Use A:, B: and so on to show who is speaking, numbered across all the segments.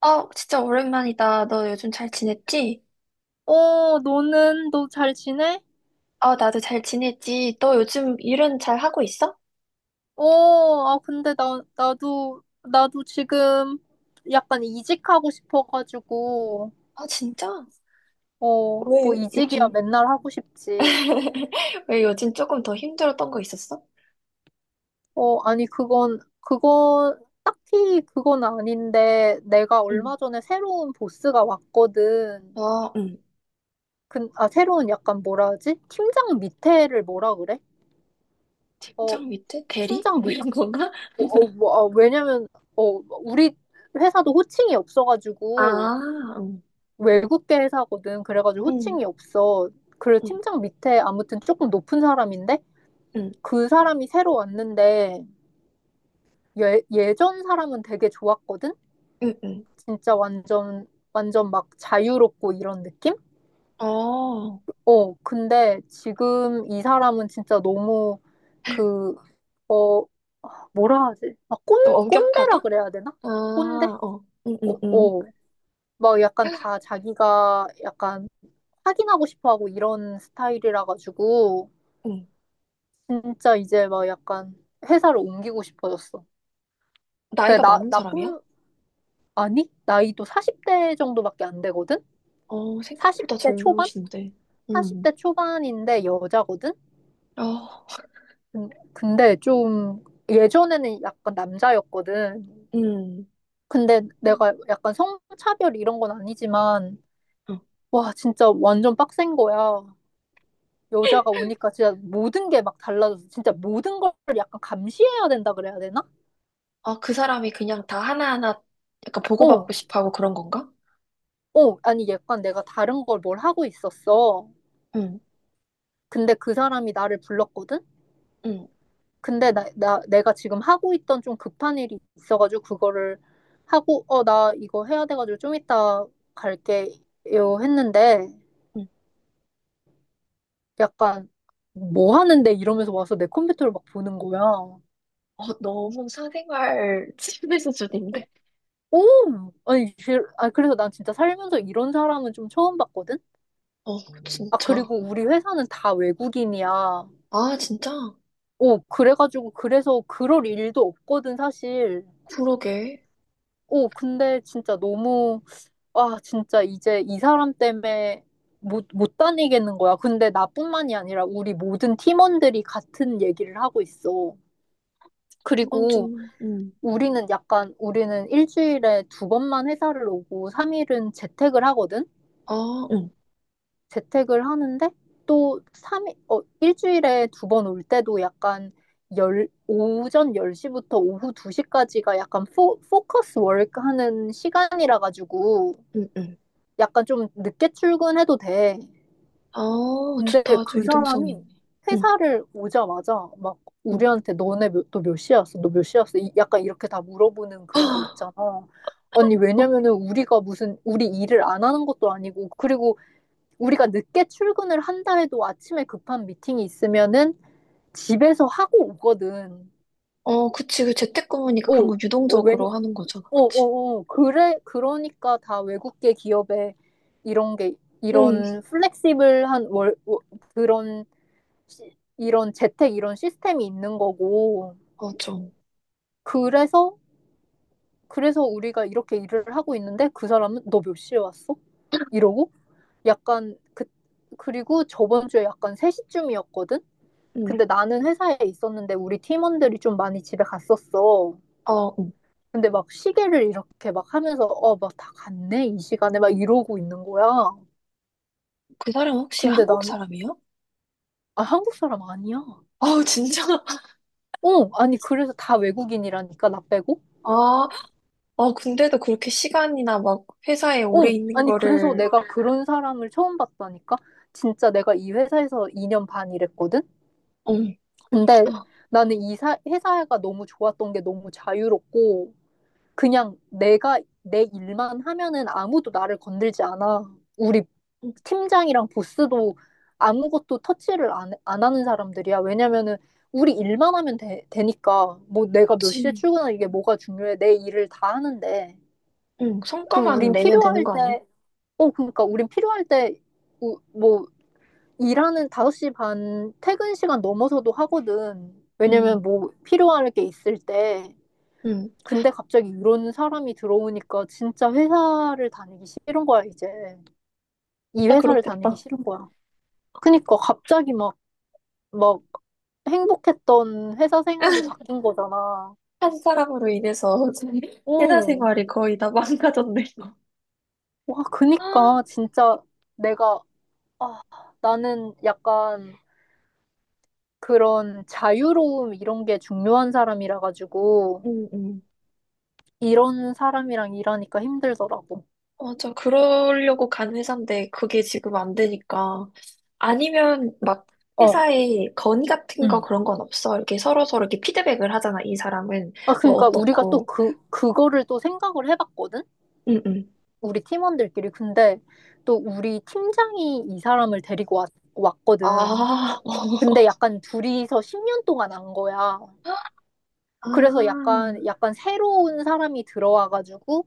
A: 어, 진짜 오랜만이다. 너 요즘 잘 지냈지?
B: 어, 너 잘 지내?
A: 어, 나도 잘 지냈지. 너 요즘 일은 잘 하고 있어?
B: 어, 아, 근데 나도 지금 약간 이직하고 싶어가지고,
A: 아, 진짜?
B: 어, 뭐
A: 왜
B: 이직이야
A: 요즘,
B: 맨날 하고 싶지.
A: 왜 요즘 조금 더 힘들었던 거 있었어?
B: 어, 아니, 딱히 그건 아닌데, 내가
A: 응.
B: 얼마 전에 새로운 보스가 왔거든.
A: 어, 응.
B: 아, 새로운 약간 뭐라 하지? 팀장 밑에를 뭐라 그래? 어,
A: 현장 밑에? 대리?
B: 팀장
A: 뭐
B: 밑,
A: 이런 건가?
B: 어, 어, 뭐, 어, 왜냐면, 어, 우리 회사도 호칭이 없어가지고,
A: 아, 응.
B: 외국계 회사거든. 그래가지고
A: 응,
B: 호칭이 없어. 그래
A: 응,
B: 팀장 밑에 아무튼 조금 높은 사람인데
A: 응,
B: 그 사람이 새로 왔는데 예, 예전 사람은 되게 좋았거든.
A: 응, 응.
B: 진짜 완전 완전 막 자유롭고 이런 느낌?
A: 어,
B: 근데 지금 이 사람은 진짜 너무 그, 어, 뭐라 하지? 막
A: 좀 엄격하다?
B: 꼰대라 그래야 되나?
A: 아,
B: 꼰대?
A: 어, 응,
B: 어,
A: 응, 응,
B: 어. 막 약간 다 자기가 약간 확인하고 싶어 하고 이런 스타일이라 가지고
A: 응.
B: 진짜 이제 막 약간 회사를 옮기고 싶어졌어. 그래,
A: 나이가 많은 사람이야?
B: 아니, 나이도 40대 정도밖에 안 되거든?
A: 어, 생각보다
B: 40대 초반?
A: 젊으신데. 응.
B: 40대 초반인데 여자거든?
A: 어,
B: 근데 좀 예전에는 약간 남자였거든.
A: 응.
B: 근데 내가 약간 성차별 이런 건 아니지만,
A: 어.
B: 와, 진짜 완전 빡센 거야. 여자가 오니까 진짜 모든 게 막 달라져서 진짜 모든 걸 약간 감시해야 된다 그래야 되나?
A: 아, 그 사람이 그냥 다 하나하나 약간
B: 어,
A: 보고받고 싶어 하고 그런 건가?
B: 어, 아니, 약간 내가 다른 걸 뭘 하고 있었어.
A: 응,
B: 근데 그 사람이 나를 불렀거든?
A: 응,
B: 근데 내가 지금 하고 있던 좀 급한 일이 있어가지고 그거를 하고, 나 이거 해야 돼가지고 좀 이따 갈게요 했는데
A: 응.
B: 약간 뭐 하는데 이러면서 와서 내 컴퓨터를 막 보는 거야.
A: 어, 너무 사생활 침해 수준인데?
B: 오! 아니, 그래서 난 진짜 살면서 이런 사람은 좀 처음 봤거든?
A: 어,
B: 아,
A: 진짜.
B: 그리고 우리 회사는 다 외국인이야.
A: 아, 진짜?
B: 오, 그래서 그럴 일도 없거든, 사실.
A: 그러게.
B: 오, 근데 진짜 너무, 아, 진짜 이제 이 사람 때문에 못 다니겠는 거야. 근데 나뿐만이 아니라 우리 모든 팀원들이 같은 얘기를 하고 있어.
A: 이건
B: 그리고
A: 좀, 응.
B: 우리는 일주일에 두 번만 회사를 오고, 3일은 재택을 하거든?
A: 아, 응,
B: 재택을 하는데 또 3일 일주일에 두 번 올 때도 약간 오전 10시부터 오후 2시까지가 약간 포커스 워크 하는 시간이라 가지고
A: 응, 응.
B: 약간 좀 늦게 출근해도 돼.
A: 아,
B: 근데
A: 좋다. 아주
B: 그
A: 유동성이
B: 사람이
A: 있네. 응,
B: 회사를 오자마자 막
A: 응.
B: 우리한테 너네 몇, 너몇 시였어? 너 몇 시였어? 약간 이렇게 다 물어보는
A: 아,
B: 그런 거 있잖아. 아니,
A: 어,
B: 왜냐면은 우리 일을 안 하는 것도 아니고, 그리고 우리가 늦게 출근을 한다 해도 아침에 급한 미팅이 있으면은 집에서 하고 오거든.
A: 어, 그치. 그 재택근무니까
B: 어,
A: 그런 거
B: 어,
A: 유동적으로 하는 거잖아. 그치?
B: 그래, 그러니까 다 외국계 기업에 이런 게,
A: 응,
B: 이런 플렉시블한 그런, 이런 재택 이런 시스템이 있는 거고.
A: 맞아.
B: 그래서, 그래서 우리가 이렇게 일을 하고 있는데 그 사람은 너 몇 시에 왔어? 이러고 약간 그리고 저번 주에 약간 3시쯤이었거든?
A: 응.
B: 근데 나는 회사에 있었는데 우리 팀원들이 좀 많이 집에 갔었어.
A: 어, 응.
B: 근데 막 시계를 이렇게 막 하면서 막 다 갔네 이 시간에 막 이러고 있는 거야.
A: 그 사람 혹시
B: 근데
A: 한국
B: 나는
A: 사람이에요?
B: 아, 한국 사람 아니야.
A: 아, 진짜?
B: 어, 아니 그래서 다 외국인이라니까 나 빼고.
A: 아, 어, 근데도 그렇게 시간이나 막 회사에 오래
B: 어,
A: 있는
B: 아니 그래서
A: 거를,
B: 내가 그런 사람을 처음 봤다니까. 진짜 내가 이 회사에서 2년 반 일했거든.
A: 응,
B: 근데
A: 아,
B: 나는 회사가 너무 좋았던 게 너무 자유롭고 그냥 내가 내 일만 하면은 아무도 나를 건들지 않아. 우리
A: 응,
B: 팀장이랑 보스도 아무것도 터치를 안 하는 사람들이야. 왜냐면은 우리 일만 하면 되니까 뭐 내가 몇 시에
A: 그치.
B: 출근하 이게 뭐가 중요해. 내 일을 다 하는데.
A: 응,
B: 그리고
A: 성과만
B: 우린
A: 내면 되는
B: 필요할
A: 거 아니야?
B: 때, 어, 그러니까 우린 필요할 때, 우- 뭐, 일하는 5시 반 퇴근 시간 넘어서도 하거든.
A: 응.
B: 왜냐면 뭐 필요할 게 있을 때.
A: 응,
B: 근데 갑자기 이런 사람이 들어오니까 진짜 회사를 다니기 싫은 거야, 이제. 이
A: 진짜
B: 회사를 다니기
A: 그렇겠다.
B: 싫은 거야. 그니까 갑자기 막 행복했던 회사 생활이 바뀐 거잖아.
A: 한 사람으로 인해서 회사
B: 어,
A: 생활이 거의 다 망가졌네, 이거.
B: 와,
A: 아,
B: 그니까 진짜 내가, 아, 나는 약간 그런 자유로움 이런 게 중요한 사람이라 가지고
A: 응, 응.
B: 이런 사람이랑 일하니까 힘들더라고.
A: 맞아. 그러려고 간 회사인데 그게 지금 안 되니까. 아니면 막
B: 어,
A: 회사에 건의 같은 거
B: 응.
A: 그런 건 없어? 이렇게 서로서로 이렇게 피드백을 하잖아, 이 사람은.
B: 아,
A: 뭐
B: 그러니까 우리가 또
A: 어떻고.
B: 그거를 또 생각을 해봤거든?
A: 응, 응.
B: 우리 팀원들끼리. 근데 또 우리 팀장이 이 사람을 데리고 왔거든.
A: 아,
B: 근데 약간 둘이서 10년 동안 안 거야. 그래서
A: 아,
B: 약간 새로운 사람이 들어와가지고,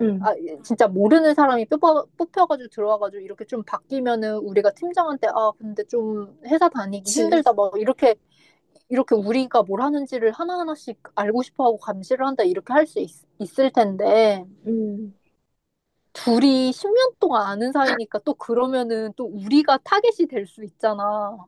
A: 응,
B: 아, 진짜 모르는 사람이 뽑혀가지고 들어와가지고 이렇게 좀 바뀌면은 우리가 팀장한테, 아, 근데 좀 회사 다니기 힘들다.
A: 그치.
B: 막 이렇게 우리가 뭘 하는지를 하나하나씩 알고 싶어 하고 감시를 한다. 이렇게 할 수 있을 텐데.
A: 응,
B: 둘이 10년 동안 아는 사이니까 또 그러면은 또 우리가 타겟이 될 수 있잖아.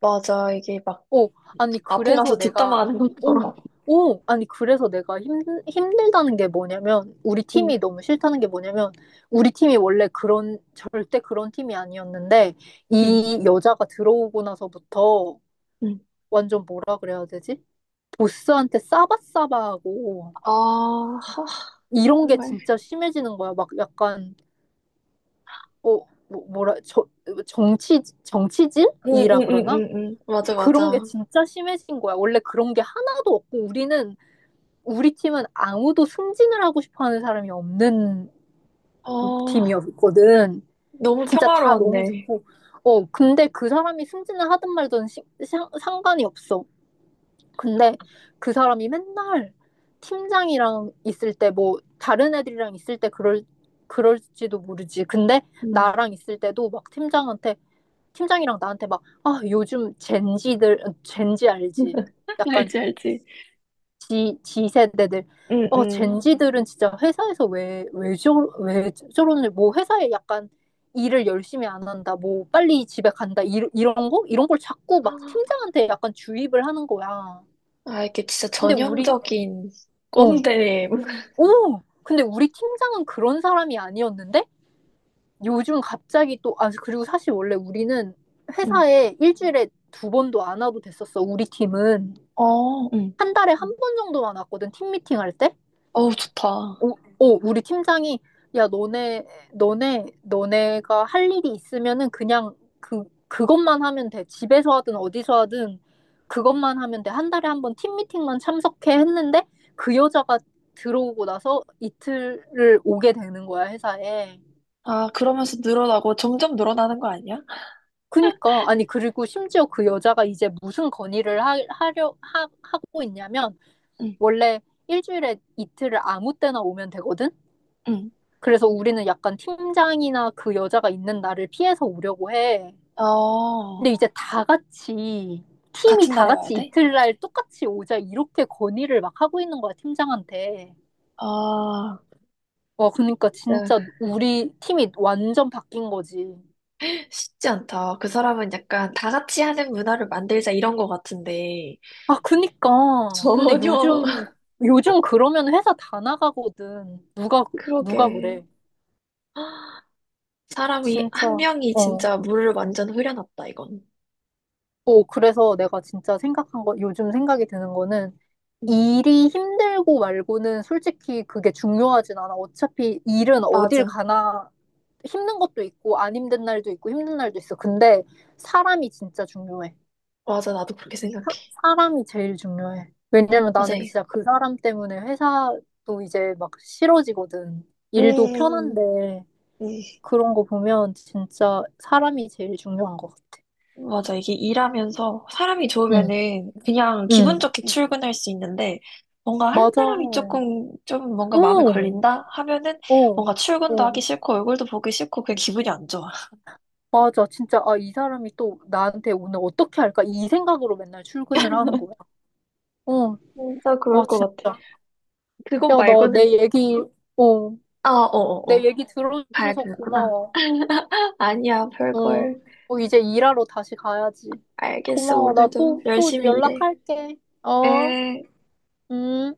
A: 맞아. 이게 막
B: 어, 아니,
A: 앞에 가서
B: 그래서 내가,
A: 뒷담화하는 것처럼.
B: 어, 어, 아니, 그래서 내가 힘들다는 게 뭐냐면, 우리
A: 응,
B: 팀이 너무 싫다는 게 뭐냐면, 우리 팀이 원래 그런, 절대 그런 팀이 아니었는데,
A: 응,
B: 이 여자가 들어오고 나서부터
A: 응.
B: 완전 뭐라 그래야 되지? 보스한테 싸바싸바하고,
A: 아, 하,
B: 이런 게
A: 정말.
B: 진짜 심해지는 거야. 막 약간, 어, 뭐, 뭐라, 저, 정치,
A: 응, 응,
B: 정치질이라
A: 응,
B: 그러나?
A: 응, 응. 맞아,
B: 그런 게
A: 맞아.
B: 진짜 심해진 거야. 원래 그런 게 하나도 없고, 우리 팀은 아무도 승진을 하고 싶어 하는 사람이 없는
A: 아,
B: 팀이었거든.
A: 너무
B: 진짜 다 너무
A: 평화로웠네.
B: 좋고. 어, 근데 그 사람이 승진을 하든 말든 상관이 없어. 근데 그 사람이 맨날 팀장이랑 있을 때, 뭐, 다른 애들이랑 있을 때 그럴지도 모르지. 근데
A: 응.
B: 나랑 있을 때도 막 팀장한테 팀장이랑 나한테 막, 아, 요즘 젠지들, 젠지 알지? 약간
A: 알지, 알지.
B: 지세대들.
A: 응,
B: 어,
A: 응.
B: 젠지들은 진짜 회사에서 왜 저러는지, 뭐 회사에 약간 일을 열심히 안 한다, 뭐 빨리 집에 간다, 이런 거? 이런 걸 자꾸 막 팀장한테 약간 주입을 하는 거야.
A: 아, 이게 진짜
B: 근데 우리,
A: 전형적인
B: 어,
A: 꼰대.
B: 오! 근데 우리 팀장은 그런 사람이 아니었는데, 요즘 갑자기 또, 아, 그리고 사실 원래 우리는
A: 응.
B: 회사에 일주일에 두 번도 안 와도 됐었어, 우리 팀은.
A: 어, 응.
B: 한 달에 한 번 정도만 왔거든, 팀 미팅할 때.
A: 어우, 좋다.
B: 오, 오, 우리 팀장이, 야, 너네가 할 일이 있으면은 그냥 그것만 하면 돼. 집에서 하든 어디서 하든 그것만 하면 돼. 한 달에 한 번 팀 미팅만 참석해 했는데 그 여자가 들어오고 나서 이틀을 오게 되는 거야, 회사에.
A: 아, 그러면서 늘어나고 점점 늘어나는 거 아니야?
B: 그니까, 아니, 그리고 심지어 그 여자가 이제 무슨 건의를 하고 있냐면,
A: 응,
B: 원래 일주일에 이틀을 아무 때나 오면 되거든?
A: 응.
B: 그래서 우리는 약간 팀장이나 그 여자가 있는 날을 피해서 오려고 해.
A: 어.
B: 근데 이제 팀이
A: 같은
B: 다
A: 달에 와야
B: 같이
A: 돼?
B: 이틀날 똑같이 오자, 이렇게 건의를 막 하고 있는 거야, 팀장한테.
A: 아,
B: 와, 그니까
A: 네.
B: 진짜 우리 팀이 완전 바뀐 거지.
A: 쉽지 않다. 그 사람은 약간 다 같이 하는 문화를 만들자 이런 거 같은데,
B: 아, 그니까. 근데
A: 전혀.
B: 요즘, 요즘 그러면 회사 다 나가거든. 누가
A: 그러게.
B: 그래.
A: 사람이, 한
B: 진짜.
A: 명이
B: 어.
A: 진짜 물을 완전 흐려놨다, 이건.
B: 어, 그래서 내가 진짜 생각한 거, 요즘 생각이 드는 거는
A: 음,
B: 일이 힘들고 말고는 솔직히 그게 중요하진 않아. 어차피 일은 어딜
A: 맞아.
B: 가나 힘든 것도 있고 안 힘든 날도 있고 힘든 날도 있어. 근데 사람이 진짜 중요해.
A: 맞아, 나도 그렇게 생각해.
B: 사람이 제일 중요해. 왜냐면 나는
A: 맞아요.
B: 진짜 그 사람 때문에 회사도 이제 막 싫어지거든. 일도
A: 음,
B: 편한데
A: 음.
B: 그런 거 보면 진짜 사람이 제일 중요한 것 같아.
A: 맞아. 이게 일하면서 사람이
B: 응,
A: 좋으면은 그냥 기분
B: 응,
A: 좋게, 응, 출근할 수 있는데 뭔가 한
B: 맞아.
A: 사람이
B: 어,
A: 조금 좀 뭔가
B: 어,
A: 마음에 걸린다 하면은
B: 어,
A: 뭔가 출근도 하기 싫고 얼굴도 보기 싫고 그냥 기분이 안 좋아.
B: 맞아. 진짜, 아, 이 사람이 또 나한테 오늘 어떻게 할까? 이 생각으로 맨날 출근을 하는 거야. 어,
A: 진짜
B: 와,
A: 그럴 것 같아.
B: 진짜.
A: 그거
B: 야, 너
A: 말고는
B: 내 얘기, 어,
A: 아, 어, 어,
B: 내
A: 어.
B: 얘기
A: 봐야
B: 들어줘서
A: 되는구나.
B: 고마워.
A: 아니야,
B: 응.
A: 별걸.
B: 어, 이제 일하러 다시 가야지.
A: 알겠어.
B: 고마워. 나
A: 오늘도
B: 또
A: 열심히 일해.
B: 연락할게. 어,
A: 에.
B: 음.